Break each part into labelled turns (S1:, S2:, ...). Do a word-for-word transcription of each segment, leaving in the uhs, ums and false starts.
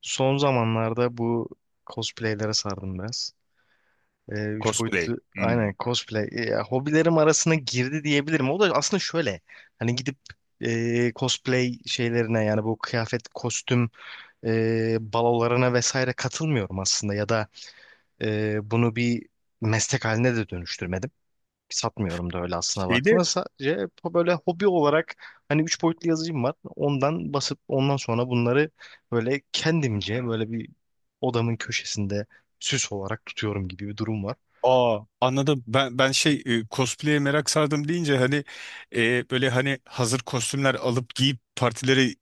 S1: Son zamanlarda bu cosplaylere sardım biraz. Ee, üç
S2: Cosplay.
S1: boyutlu
S2: Hmm.
S1: aynen cosplay e, ya, hobilerim arasına girdi diyebilirim. O da aslında şöyle hani gidip e, cosplay şeylerine yani bu kıyafet, kostüm e, balolarına vesaire katılmıyorum aslında, ya da e, bunu bir meslek haline de dönüştürmedim, satmıyorum da öyle aslına
S2: Şeyde
S1: baktığında. Sadece böyle hobi olarak hani üç boyutlu yazıcım var. Ondan basıp ondan sonra bunları böyle kendimce böyle bir odamın köşesinde süs olarak tutuyorum gibi bir durum var.
S2: aa anladım. Ben ben şey e, cosplay'e merak sardım deyince hani e, böyle hani hazır kostümler alıp giyip partilere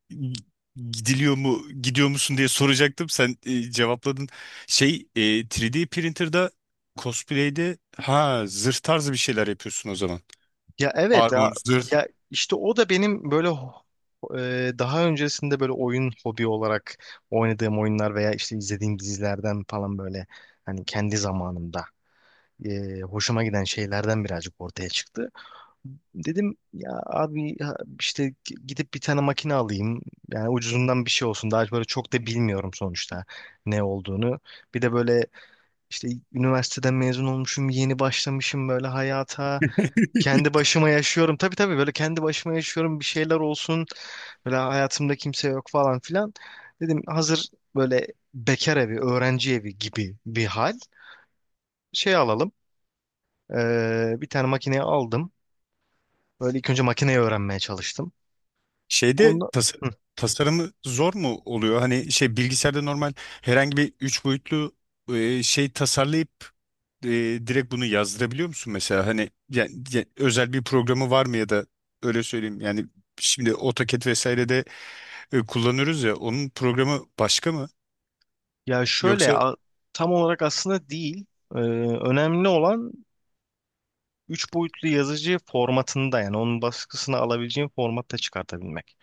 S2: gidiliyor mu gidiyor musun diye soracaktım. Sen e, cevapladın. Şey e, üç D printer'da cosplay'de ha zırh tarzı bir şeyler yapıyorsun o zaman.
S1: Ya, evet ya,
S2: Armor, zırh.
S1: ya işte o da benim böyle ho- e, daha öncesinde böyle oyun hobi olarak oynadığım oyunlar veya işte izlediğim dizilerden falan böyle hani kendi zamanımda e, hoşuma giden şeylerden birazcık ortaya çıktı. Dedim ya abi, ha- işte g- gidip bir tane makine alayım. Yani ucuzundan bir şey olsun. Daha böyle çok da bilmiyorum sonuçta ne olduğunu. Bir de böyle işte üniversiteden mezun olmuşum, yeni başlamışım böyle hayata. Kendi başıma yaşıyorum. Tabii tabii, böyle kendi başıma yaşıyorum. Bir şeyler olsun. Böyle hayatımda kimse yok falan filan. Dedim hazır böyle bekar evi, öğrenci evi gibi bir hal. Şey alalım. Ee, bir tane makineyi aldım. Böyle ilk önce makineyi öğrenmeye çalıştım.
S2: Şeyde
S1: Onda.
S2: tas
S1: Hı.
S2: Tasarımı zor mu oluyor? Hani şey bilgisayarda normal herhangi bir üç boyutlu e, şey tasarlayıp e, direkt bunu yazdırabiliyor musun mesela? Hani yani, ya- özel bir programı var mı, ya da öyle söyleyeyim. Yani şimdi AutoCAD vesaire de e, kullanıyoruz ya, onun programı başka mı?
S1: ya şöyle
S2: Yoksa?
S1: a- Tam olarak aslında değil. Ee, önemli olan Üç boyutlu yazıcı formatında yani onun baskısını alabileceğin formatta çıkartabilmek.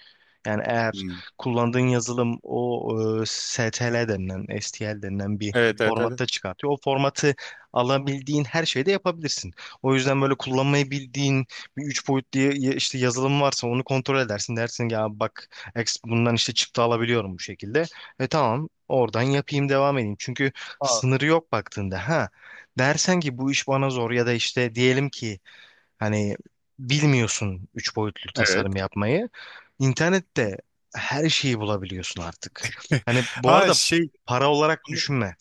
S1: Yani eğer
S2: Hmm.
S1: kullandığın yazılım o e, S T L denilen, S T L denilen bir
S2: Evet, evet, evet.
S1: formatta çıkartıyor. O formatı alabildiğin her şeyde yapabilirsin. O yüzden böyle kullanmayı bildiğin bir üç boyutlu ya- işte yazılım varsa onu kontrol edersin. Dersin ki ya bak, ex- bundan işte çıktı alabiliyorum bu şekilde. E tamam, oradan yapayım, devam edeyim. Çünkü
S2: Aa.
S1: sınırı yok baktığında. Ha, dersen ki bu iş bana zor ya da işte diyelim ki hani bilmiyorsun üç boyutlu
S2: Evet.
S1: tasarım yapmayı. İnternette her şeyi bulabiliyorsun artık. Hani bu
S2: Ha
S1: arada
S2: şey
S1: para olarak düşünme.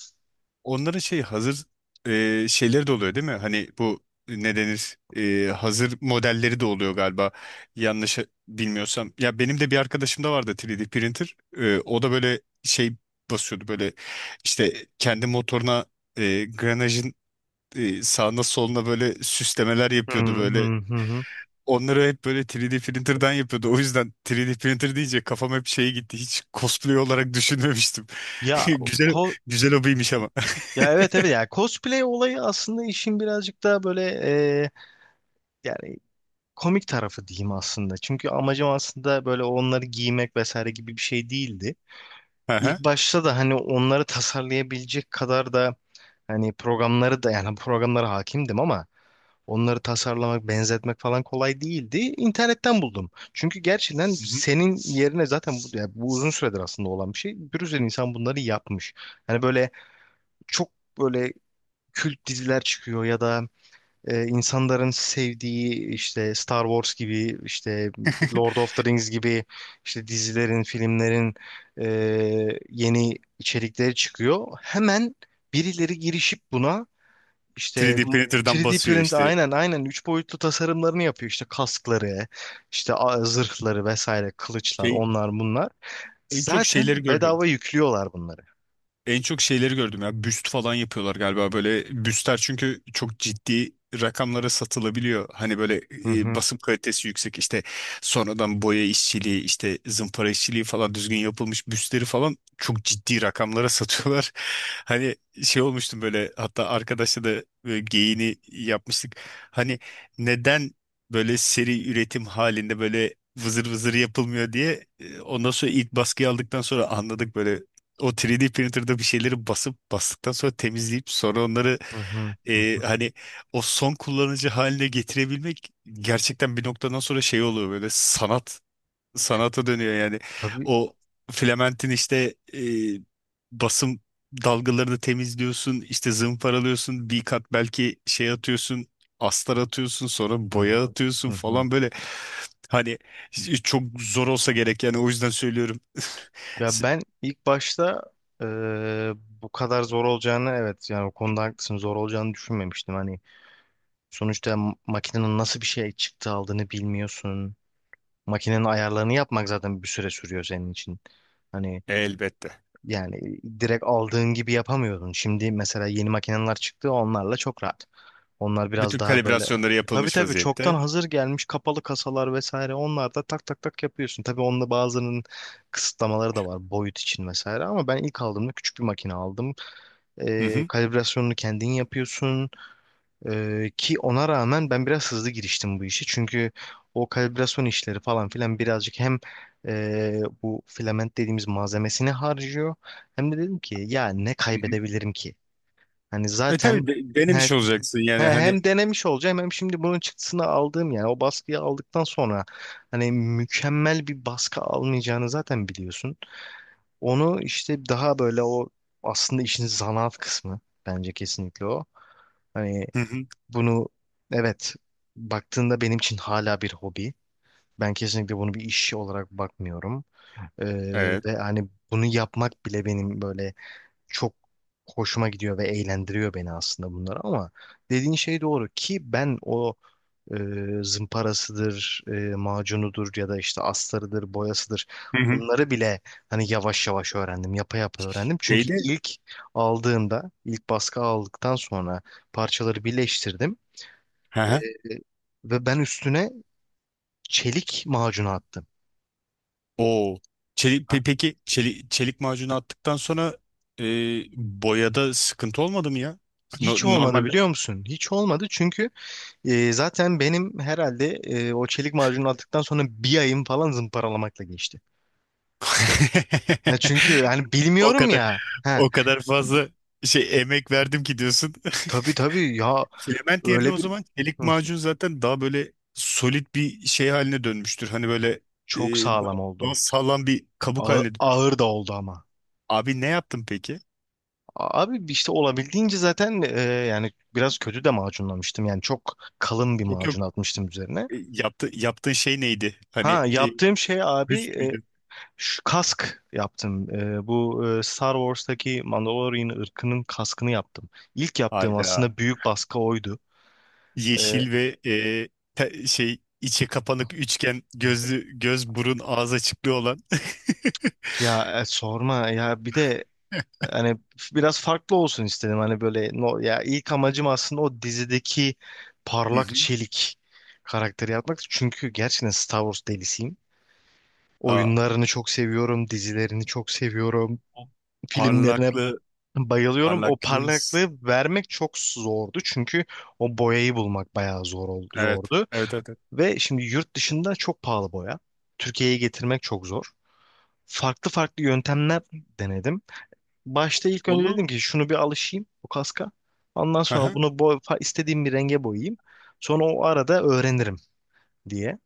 S2: Onların şey hazır e, şeyleri de oluyor değil mi? Hani bu ne denir? E, hazır modelleri de oluyor galiba, yanlış bilmiyorsam. Ya benim de bir arkadaşım da vardı, üç D printer. E, o da böyle şey basıyordu, böyle işte kendi motoruna e, granajın e, sağına soluna böyle süslemeler
S1: Hı
S2: yapıyordu böyle.
S1: hı hı, hı.
S2: Onları hep böyle üç D printer'dan yapıyordu. O yüzden üç D printer deyince kafam hep şeye gitti, hiç cosplay olarak düşünmemiştim.
S1: Ya
S2: Güzel,
S1: ko
S2: güzel hobiymiş ama.
S1: Ya, evet evet, ya cosplay olayı aslında işin birazcık daha böyle e, yani komik tarafı diyeyim aslında. Çünkü amacım aslında böyle onları giymek vesaire gibi bir şey değildi. İlk
S2: Aha.
S1: başta da hani onları tasarlayabilecek kadar da hani programları da yani programlara hakimdim ama onları tasarlamak, benzetmek falan kolay değildi. İnternetten buldum. Çünkü gerçekten senin yerine zaten bu, yani bu uzun süredir aslında olan bir şey. Bir sürü insan bunları yapmış. Hani böyle çok böyle kült diziler çıkıyor ya da e, insanların sevdiği işte Star Wars gibi, işte Lord of the Rings gibi, işte dizilerin, filmlerin e, yeni içerikleri çıkıyor. Hemen birileri girişip buna işte
S2: üç D printer'dan
S1: three D
S2: basıyor
S1: print,
S2: işte.
S1: aynen aynen üç boyutlu tasarımlarını yapıyor. İşte kaskları, işte a- zırhları vesaire, kılıçlar,
S2: Şey
S1: onlar bunlar.
S2: en çok
S1: Zaten
S2: şeyleri gördüm.
S1: bedava yüklüyorlar bunları.
S2: En çok şeyleri gördüm ya. Büst falan yapıyorlar galiba böyle. Büstler çünkü çok ciddi rakamlara satılabiliyor. Hani böyle
S1: Hı
S2: e,
S1: hı.
S2: basım kalitesi yüksek, işte sonradan boya işçiliği, işte zımpara işçiliği falan düzgün yapılmış büstleri falan çok ciddi rakamlara satıyorlar. Hani şey olmuştum böyle, hatta arkadaşla da böyle geyiğini yapmıştık. Hani neden böyle seri üretim halinde böyle vızır vızır yapılmıyor diye. E, ondan sonra ilk baskıyı aldıktan sonra anladık böyle, o üç D printer'da bir şeyleri basıp, bastıktan sonra temizleyip, sonra onları
S1: Hı hı. Hı
S2: e,
S1: hı.
S2: hani o son kullanıcı haline getirebilmek gerçekten bir noktadan sonra şey oluyor böyle, sanat, sanata dönüyor yani.
S1: Tabii.
S2: O filamentin işte e, basım dalgalarını temizliyorsun, işte zımparalıyorsun, bir kat belki şey atıyorsun, astar atıyorsun, sonra
S1: Hı
S2: boya
S1: hı.
S2: atıyorsun
S1: Hı hı.
S2: falan böyle. Hani çok zor olsa gerek yani, o yüzden söylüyorum.
S1: Ya ben ilk başta eee, bu kadar zor olacağını, evet yani o konuda haklısın, zor olacağını düşünmemiştim. Hani sonuçta m- makinenin nasıl bir şey çıktı aldığını bilmiyorsun. Makinenin ayarlarını yapmak zaten bir süre sürüyor senin için. Hani
S2: Elbette.
S1: yani direkt aldığın gibi yapamıyordun. Şimdi mesela yeni makineler çıktı, onlarla çok rahat. Onlar biraz
S2: Bütün
S1: daha böyle.
S2: kalibrasyonları
S1: Tabii
S2: yapılmış
S1: tabii, çoktan
S2: vaziyette.
S1: hazır gelmiş kapalı kasalar vesaire. Onlar da tak tak tak yapıyorsun. Tabii onda bazılarının kısıtlamaları da var boyut için vesaire. Ama ben ilk aldığımda küçük bir makine aldım.
S2: Hı
S1: Ee,
S2: hı.
S1: kalibrasyonunu kendin yapıyorsun. Ee, ki ona rağmen ben biraz hızlı giriştim bu işe. Çünkü o kalibrasyon işleri falan filan birazcık hem ee, bu filament dediğimiz malzemesini harcıyor. Hem de dedim ki ya ne
S2: Hı hı.
S1: kaybedebilirim ki? Hani
S2: E
S1: zaten.
S2: tabii, de- denemiş olacaksın
S1: He,
S2: yani hani.
S1: hem denemiş olacağım, hem şimdi bunun çıktısını aldığım yani o baskıyı aldıktan sonra hani mükemmel bir baskı almayacağını zaten biliyorsun. Onu işte daha böyle o, aslında işin zanaat kısmı bence kesinlikle o. Hani
S2: Hı hı.
S1: bunu evet baktığında benim için hala bir hobi. Ben kesinlikle bunu bir iş olarak bakmıyorum. Ee,
S2: Evet.
S1: ve hani bunu yapmak bile benim böyle çok hoşuma gidiyor ve eğlendiriyor beni aslında bunlar ama dediğin şey doğru ki ben o e, zımparasıdır, e, macunudur ya da işte astarıdır, boyasıdır.
S2: Hı hı.
S1: Bunları bile hani yavaş yavaş öğrendim, yapa yapa öğrendim. Çünkü
S2: Neydi?
S1: ilk aldığımda, ilk baskı aldıktan sonra parçaları birleştirdim
S2: Hı
S1: e,
S2: hı.
S1: ve ben üstüne çelik macunu attım.
S2: Oo. Çelik, pe- peki çelik çelik macunu attıktan sonra e, boyada sıkıntı olmadı mı ya?
S1: Hiç
S2: No-
S1: olmadı
S2: normalde
S1: biliyor musun? Hiç olmadı çünkü e, zaten benim herhalde e, o çelik macunu attıktan sonra bir ayım falan zımparalamakla geçti. E, çünkü hani
S2: o
S1: bilmiyorum
S2: kadar,
S1: ya. Ha,
S2: o kadar fazla şey emek verdim ki diyorsun.
S1: tabii tabii ya,
S2: Element yerine
S1: öyle
S2: o
S1: bir,
S2: zaman çelik
S1: hı,
S2: macun zaten daha böyle solid bir şey haline dönmüştür. Hani böyle e,
S1: çok
S2: daha,
S1: sağlam
S2: daha
S1: oldu.
S2: sağlam bir kabuk
S1: Ağır,
S2: haline dön-
S1: ağır da oldu ama.
S2: Abi ne yaptın peki?
S1: Abi işte olabildiğince zaten e, yani biraz kötü de macunlamıştım. Yani çok kalın bir
S2: Yok yok
S1: macun atmıştım üzerine.
S2: e, yaptı, Yaptığın şey neydi? Hani
S1: Ha,
S2: e,
S1: yaptığım şey abi
S2: büst
S1: e,
S2: müydü?
S1: şu kask yaptım. E, bu e, Star Wars'taki Mandalorian ırkının kaskını yaptım. İlk yaptığım
S2: Hayda.
S1: aslında büyük baskı oydu. E,
S2: Yeşil ve e, te- şey içe kapanık üçgen gözlü, göz burun ağız açıklığı olan.
S1: ya e, sorma ya, bir de hani biraz farklı olsun istedim. Hani böyle no, ya ilk amacım aslında o dizideki
S2: Hı
S1: parlak
S2: hı.
S1: çelik karakteri yapmak. Çünkü gerçekten Star Wars delisiyim.
S2: Aa,
S1: Oyunlarını çok seviyorum, dizilerini çok seviyorum,
S2: o
S1: filmlerine
S2: parlaklı
S1: bayılıyorum. O
S2: parlaklı s-
S1: parlaklığı vermek çok zordu. Çünkü o boyayı bulmak bayağı zor oldu,
S2: evet,
S1: zordu.
S2: evet, evet, evet.
S1: Ve şimdi yurt dışında çok pahalı boya. Türkiye'ye getirmek çok zor. Farklı farklı yöntemler denedim. Başta ilk önce
S2: Onu.
S1: dedim ki şunu bir alışayım bu kaska. Ondan
S2: Hı
S1: sonra
S2: hı.
S1: bunu boy, fa- istediğim bir renge boyayayım. Sonra o arada öğrenirim diye.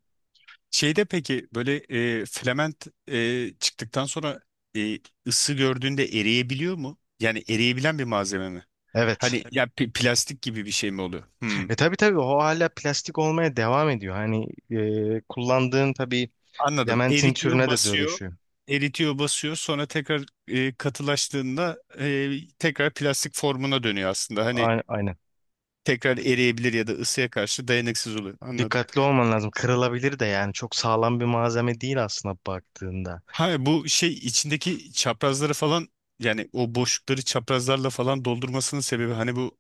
S2: Şeyde peki böyle e, filament e, çıktıktan sonra e, ısı gördüğünde eriyebiliyor mu? Yani eriyebilen bir malzeme mi?
S1: Evet.
S2: Hani ya pi- plastik gibi bir şey mi oluyor? Hmm,
S1: E tabii tabii, o hala plastik olmaya devam ediyor. Hani e, kullandığın tabii
S2: anladım.
S1: lamentin
S2: Eritiyor,
S1: türüne de
S2: basıyor.
S1: dönüşüyor.
S2: Eritiyor, basıyor. Sonra tekrar e, katılaştığında e, tekrar plastik formuna dönüyor aslında. Hani
S1: Ay- Aynen.
S2: tekrar eriyebilir ya da ısıya karşı dayanıksız oluyor. Anladım.
S1: Dikkatli olman lazım. Kırılabilir de yani çok sağlam bir malzeme değil aslında baktığında.
S2: Ha Bu şey içindeki çaprazları falan, yani o boşlukları çaprazlarla falan doldurmasının sebebi hani bu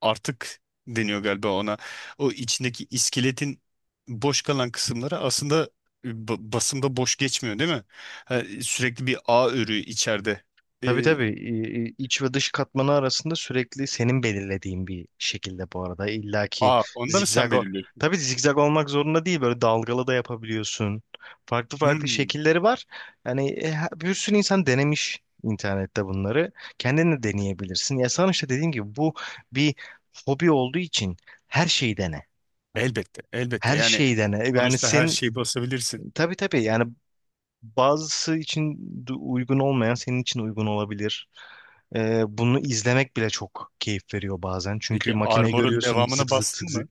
S2: artık deniyor galiba ona. O içindeki iskeletin boş kalan kısımları aslında e, ba- basında boş geçmiyor değil mi? Ha, sürekli bir ağ örüğü içeride.
S1: Tabii
S2: Ee,
S1: tabii İ- i- iç ve dış katmanı arasında sürekli senin belirlediğin bir şekilde bu arada. İlla ki
S2: Ağ, onda mı sen
S1: zigzag o-
S2: belirliyorsun?
S1: tabii zigzag olmak zorunda değil, böyle dalgalı da yapabiliyorsun. Farklı farklı
S2: Hmm,
S1: şekilleri var. Yani e, ha- bir sürü insan denemiş internette bunları. Kendin de deneyebilirsin. Ya sana işte dediğim gibi, bu bir hobi olduğu için her şeyi dene.
S2: elbette, elbette.
S1: Her
S2: Yani
S1: şeyi dene. Yani
S2: sonuçta her
S1: senin,
S2: şeyi basabilirsin.
S1: tabii tabii yani, bazısı için du- uygun olmayan senin için uygun olabilir. Ee, bunu izlemek bile çok keyif veriyor bazen. Çünkü
S2: Peki
S1: makineyi
S2: armorun
S1: görüyorsun, zık
S2: devamını
S1: zık zık
S2: bastın
S1: zık.
S2: mı?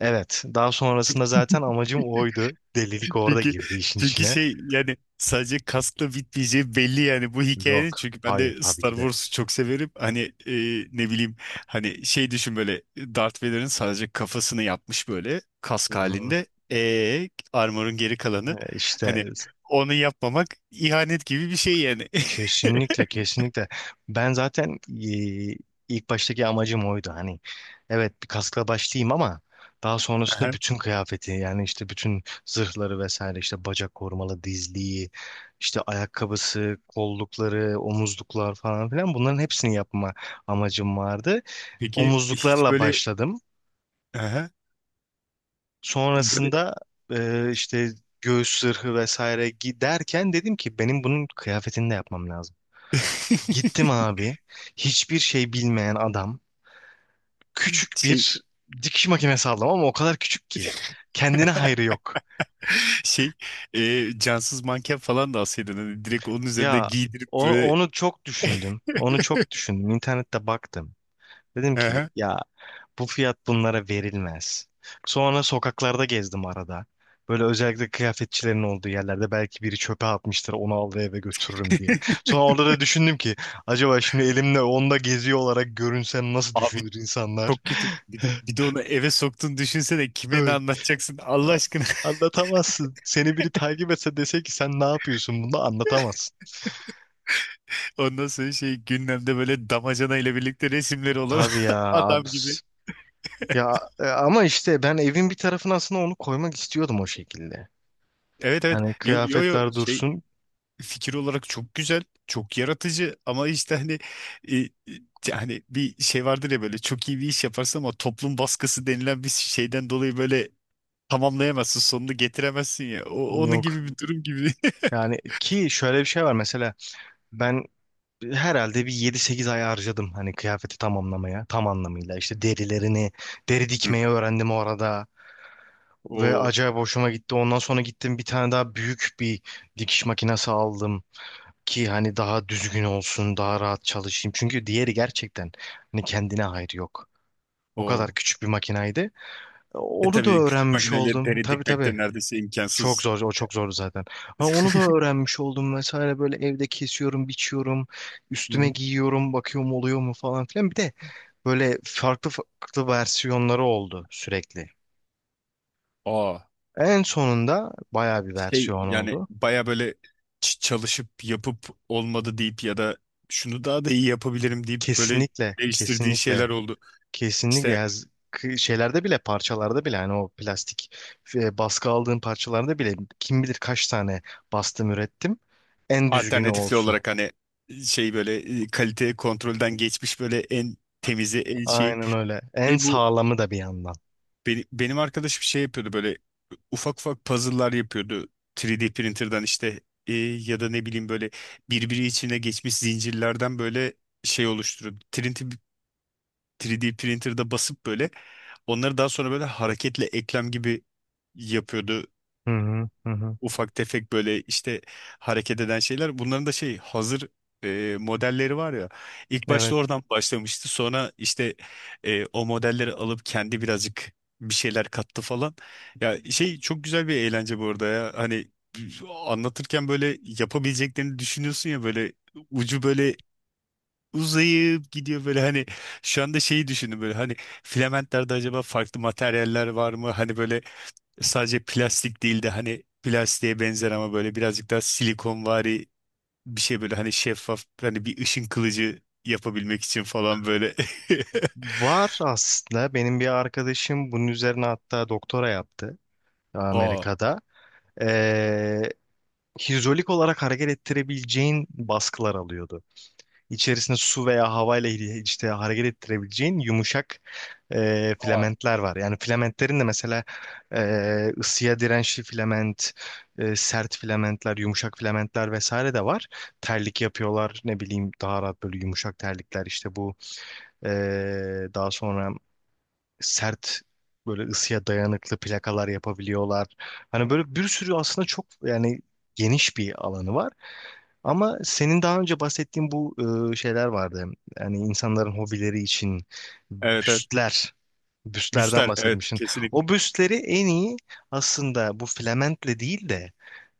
S1: Evet, daha sonrasında zaten amacım oydu. Delilik orada
S2: Çünkü
S1: girdi işin
S2: çünkü
S1: içine.
S2: şey yani sadece kaskla bitmeyeceği belli yani, bu hikayenin,
S1: Yok,
S2: çünkü ben
S1: hayır
S2: de
S1: tabii
S2: Star
S1: ki de.
S2: Wars'u çok severim. Hani e, Ne bileyim, hani şey düşün böyle, Darth Vader'ın sadece kafasını yapmış böyle
S1: Hı
S2: kask
S1: hı.
S2: halinde. E armor'un geri kalanı,
S1: Ee, İşte
S2: hani onu yapmamak ihanet gibi bir şey yani.
S1: Kesinlikle, kesinlikle. Ben zaten e, ilk baştaki amacım oydu. Hani evet bir kaskla başlayayım ama daha sonrasında
S2: Aha.
S1: bütün kıyafeti yani işte bütün zırhları vesaire, işte bacak korumalı dizliği, işte ayakkabısı, kollukları, omuzluklar falan filan, bunların hepsini yapma amacım vardı.
S2: Peki hiç
S1: Omuzluklarla
S2: böyle
S1: başladım.
S2: aha, böyle
S1: Sonrasında e, işte göğüs zırhı vesaire giderken dedim ki benim bunun kıyafetini de yapmam lazım. Gittim abi. Hiçbir şey bilmeyen adam. Küçük
S2: şey
S1: bir dikiş makinesi aldım ama o kadar küçük ki. Kendine hayrı yok.
S2: Şey, e, Cansız manken falan da alsaydın. Hani direkt onun üzerine
S1: Ya
S2: giydirip
S1: onu,
S2: böyle.
S1: onu çok düşündüm. Onu çok düşündüm. İnternette baktım. Dedim ki
S2: Aha.
S1: ya, bu fiyat bunlara verilmez. Sonra sokaklarda gezdim arada. Böyle özellikle kıyafetçilerin olduğu yerlerde belki biri çöpe atmıştır onu al ve eve götürürüm diye. Sonra orada da düşündüm ki acaba şimdi elimle onda geziyor olarak görünsem nasıl
S2: Abi
S1: düşünür insanlar?
S2: çok kötü. Bir de, bir de onu eve soktun, düşünsene kime ne
S1: Evet.
S2: anlatacaksın Allah
S1: A-
S2: aşkına.
S1: Anlatamazsın. Seni biri takip etse dese ki sen ne yapıyorsun, bunu anlatamazsın.
S2: Ondan sonra şey gündemde böyle damacana ile birlikte resimleri olan
S1: Tabii ya
S2: adam
S1: abi.
S2: gibi.
S1: Ya e, ama işte ben evin bir tarafına aslında onu koymak istiyordum o şekilde.
S2: Evet, evet.
S1: Hani
S2: Yo yo, yo
S1: kıyafetler
S2: şey
S1: dursun.
S2: fikir olarak çok güzel, çok yaratıcı ama işte hani e, e, yani bir şey vardır ya, böyle çok iyi bir iş yaparsın ama toplum baskısı denilen bir şeyden dolayı böyle tamamlayamazsın, sonunu getiremezsin ya. O, onun
S1: Yok.
S2: gibi bir durum gibi.
S1: Yani ki şöyle bir şey var mesela, ben herhalde bir yedi sekiz ay harcadım hani kıyafeti tamamlamaya tam anlamıyla, işte derilerini deri
S2: Hı
S1: dikmeyi
S2: hı.
S1: öğrendim orada ve
S2: O,
S1: acayip hoşuma gitti, ondan sonra gittim bir tane daha büyük bir dikiş makinesi aldım ki hani daha düzgün olsun, daha rahat çalışayım. Çünkü diğeri gerçekten hani kendine hayrı yok. O kadar
S2: o.
S1: küçük bir makinaydı. E,
S2: E
S1: Onu da
S2: tabii, küçük
S1: öğrenmiş
S2: makineyle
S1: oldum.
S2: deri
S1: Tabii
S2: dikmek
S1: tabii.
S2: de neredeyse
S1: Çok
S2: imkansız.
S1: zor, o çok zordu zaten. Ama onu da öğrenmiş oldum vesaire, böyle evde kesiyorum, biçiyorum,
S2: Hı
S1: üstüme
S2: hı.
S1: giyiyorum, bakıyorum oluyor mu falan filan. Bir de böyle farklı farklı versiyonları oldu sürekli.
S2: Aa,
S1: En sonunda bayağı bir
S2: şey
S1: versiyon
S2: yani
S1: oldu.
S2: baya böyle, ç- çalışıp yapıp olmadı deyip, ya da şunu daha da iyi yapabilirim deyip böyle
S1: Kesinlikle,
S2: değiştirdiğin şeyler
S1: kesinlikle.
S2: oldu.
S1: Kesinlikle
S2: İşte
S1: ya, z- k- şeylerde bile, parçalarda bile hani o plastik e, baskı aldığım parçalarda bile kim bilir kaç tane bastım, ürettim. En düzgünü
S2: alternatifli
S1: olsun.
S2: olarak hani şey böyle e, kalite kontrolden geçmiş böyle en temizi, en şey.
S1: Aynen öyle. En
S2: E bu
S1: sağlamı da bir yandan.
S2: Benim, benim arkadaşım şey yapıyordu böyle, ufak ufak puzzle'lar yapıyordu, üç D printer'dan, işte e, ya da ne bileyim böyle birbiri içine geçmiş zincirlerden böyle şey oluşturuyordu. üç D üç D printer'da basıp böyle onları daha sonra böyle hareketli eklem gibi yapıyordu,
S1: Hı hı hı, hı.
S2: ufak tefek böyle işte hareket eden şeyler. Bunların da şey hazır e, modelleri var ya. İlk başta
S1: Evet.
S2: oradan başlamıştı. Sonra işte e, o modelleri alıp kendi birazcık bir şeyler kattı falan. Ya şey çok güzel bir eğlence bu arada ya. Hani anlatırken böyle yapabileceklerini düşünüyorsun ya, böyle ucu böyle uzayıp gidiyor böyle hani. Şu anda şeyi düşündüm böyle, hani filamentlerde acaba farklı materyaller var mı? Hani böyle sadece plastik değil de hani plastiğe benzer ama böyle birazcık daha silikonvari bir şey, böyle hani şeffaf, hani bir ışın kılıcı yapabilmek için falan böyle.
S1: Var aslında, benim bir arkadaşım bunun üzerine hatta doktora yaptı
S2: Aa,
S1: Amerika'da. Ee, hidrolik olarak hareket ettirebileceğin baskılar alıyordu. İçerisinde su veya havayla hi- işte hareket ettirebileceğin yumuşak e,
S2: Aa.
S1: filamentler var. Yani filamentlerin de mesela e, ısıya dirençli filament, e, sert filamentler, yumuşak filamentler vesaire de var. Terlik yapıyorlar, ne bileyim, daha rahat böyle yumuşak terlikler, işte bu e, daha sonra sert, böyle ısıya dayanıklı plakalar yapabiliyorlar. Hani böyle bir sürü, aslında çok yani geniş bir alanı var. Ama senin daha önce bahsettiğin bu e, şeyler vardı. Yani insanların hobileri için
S2: Evet, evet.
S1: büstler, büstlerden
S2: Müster evet,
S1: bahsetmiştin.
S2: kesinlikle.
S1: O büstleri en iyi aslında bu filamentle değil de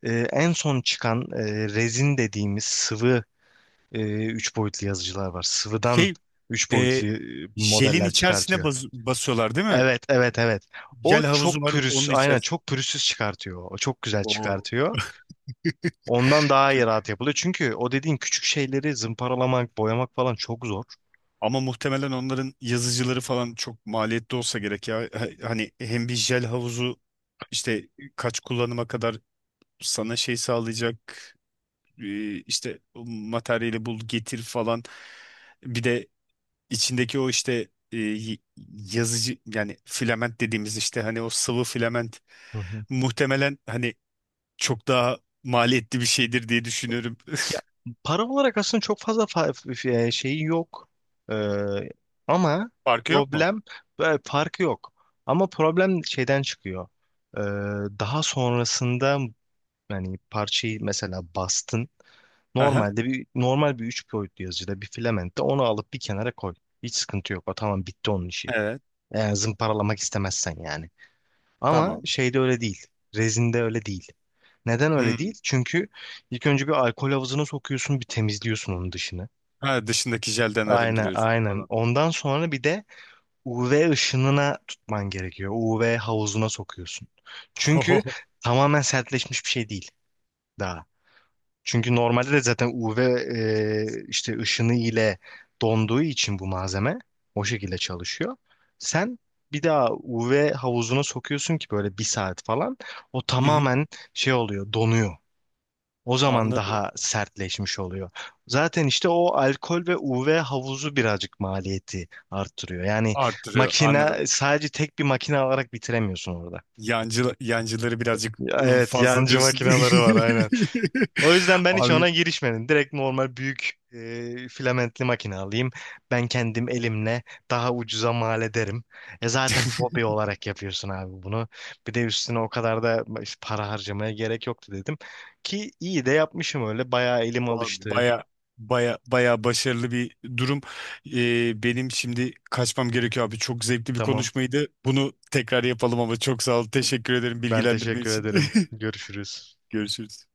S1: e, en son çıkan e, rezin dediğimiz sıvı e, üç boyutlu yazıcılar var. Sıvıdan
S2: Şey
S1: üç
S2: e,
S1: boyutlu e,
S2: Jelin
S1: modeller
S2: içerisine
S1: çıkartıyor.
S2: bas- basıyorlar değil mi?
S1: Evet, evet, evet. O
S2: Jel havuzu
S1: çok
S2: var
S1: pürüz,
S2: onun
S1: aynen
S2: içerisinde.
S1: çok pürüzsüz çıkartıyor. O çok güzel
S2: Oo.
S1: çıkartıyor. Ondan daha iyi, rahat yapılıyor. Çünkü o dediğin küçük şeyleri zımparalamak, boyamak falan çok zor.
S2: Ama muhtemelen onların yazıcıları falan çok maliyetli olsa gerek ya. Ha- Hani hem bir jel havuzu, işte kaç kullanıma kadar sana şey sağlayacak e, işte o materyali bul getir falan. Bir de içindeki o işte e, y- yazıcı, yani filament dediğimiz, işte hani o sıvı filament
S1: Hı hı.
S2: muhtemelen hani çok daha maliyetli bir şeydir diye düşünüyorum.
S1: Ya, para olarak aslında çok fazla fa- f- e, şeyi yok. Ee, ama
S2: Farkı yok mu?
S1: problem, böyle farkı yok. Ama problem şeyden çıkıyor. Ee, daha sonrasında yani parçayı mesela bastın.
S2: Aha,
S1: Normalde bir normal bir üç boyutlu yazıcıda, bir filamentte, onu alıp bir kenara koy. Hiç sıkıntı yok. O tamam, bitti onun işi.
S2: evet,
S1: Eğer zımparalamak istemezsen yani. Ama
S2: tamam.
S1: şeyde öyle değil. Rezinde öyle değil. Neden öyle
S2: Hmm.
S1: değil? Çünkü ilk önce bir alkol havuzuna sokuyorsun, bir temizliyorsun onun dışını.
S2: Ha, dışındaki jelden
S1: Aynen,
S2: arındırıyorsun
S1: aynen.
S2: falan.
S1: Ondan sonra bir de U V ışınına tutman gerekiyor. U V havuzuna sokuyorsun. Çünkü
S2: Oho.
S1: tamamen sertleşmiş bir şey değil daha. Çünkü normalde de zaten U V e, işte ışını ile donduğu için bu malzeme o şekilde çalışıyor. Sen bir daha U V havuzuna sokuyorsun ki böyle bir saat falan o
S2: Hı hı.
S1: tamamen, şey oluyor, donuyor. O zaman
S2: Anladım.
S1: daha sertleşmiş oluyor. Zaten işte o alkol ve U V havuzu birazcık maliyeti arttırıyor. Yani
S2: Arttırıyor, anladım.
S1: makine, sadece tek bir makine alarak bitiremiyorsun orada.
S2: Yancı, yancıları birazcık
S1: Evet,
S2: fazla
S1: yancı
S2: diyorsun.
S1: makineleri var aynen. O yüzden ben hiç
S2: Abi.
S1: ona girişmedim. Direkt normal büyük e, filamentli makine alayım. Ben kendim elimle daha ucuza mal ederim. E zaten hobi olarak yapıyorsun abi bunu. Bir de üstüne o kadar da işte para harcamaya gerek yoktu dedim. Ki iyi de yapmışım öyle. Bayağı elim alıştı.
S2: Baya Baya, baya başarılı bir durum. Ee, benim şimdi kaçmam gerekiyor abi. Çok zevkli bir
S1: Tamam.
S2: konuşmaydı. Bunu tekrar yapalım ama, çok sağ ol. Teşekkür ederim
S1: Ben
S2: bilgilendirme
S1: teşekkür
S2: için.
S1: ederim. Görüşürüz.
S2: Görüşürüz.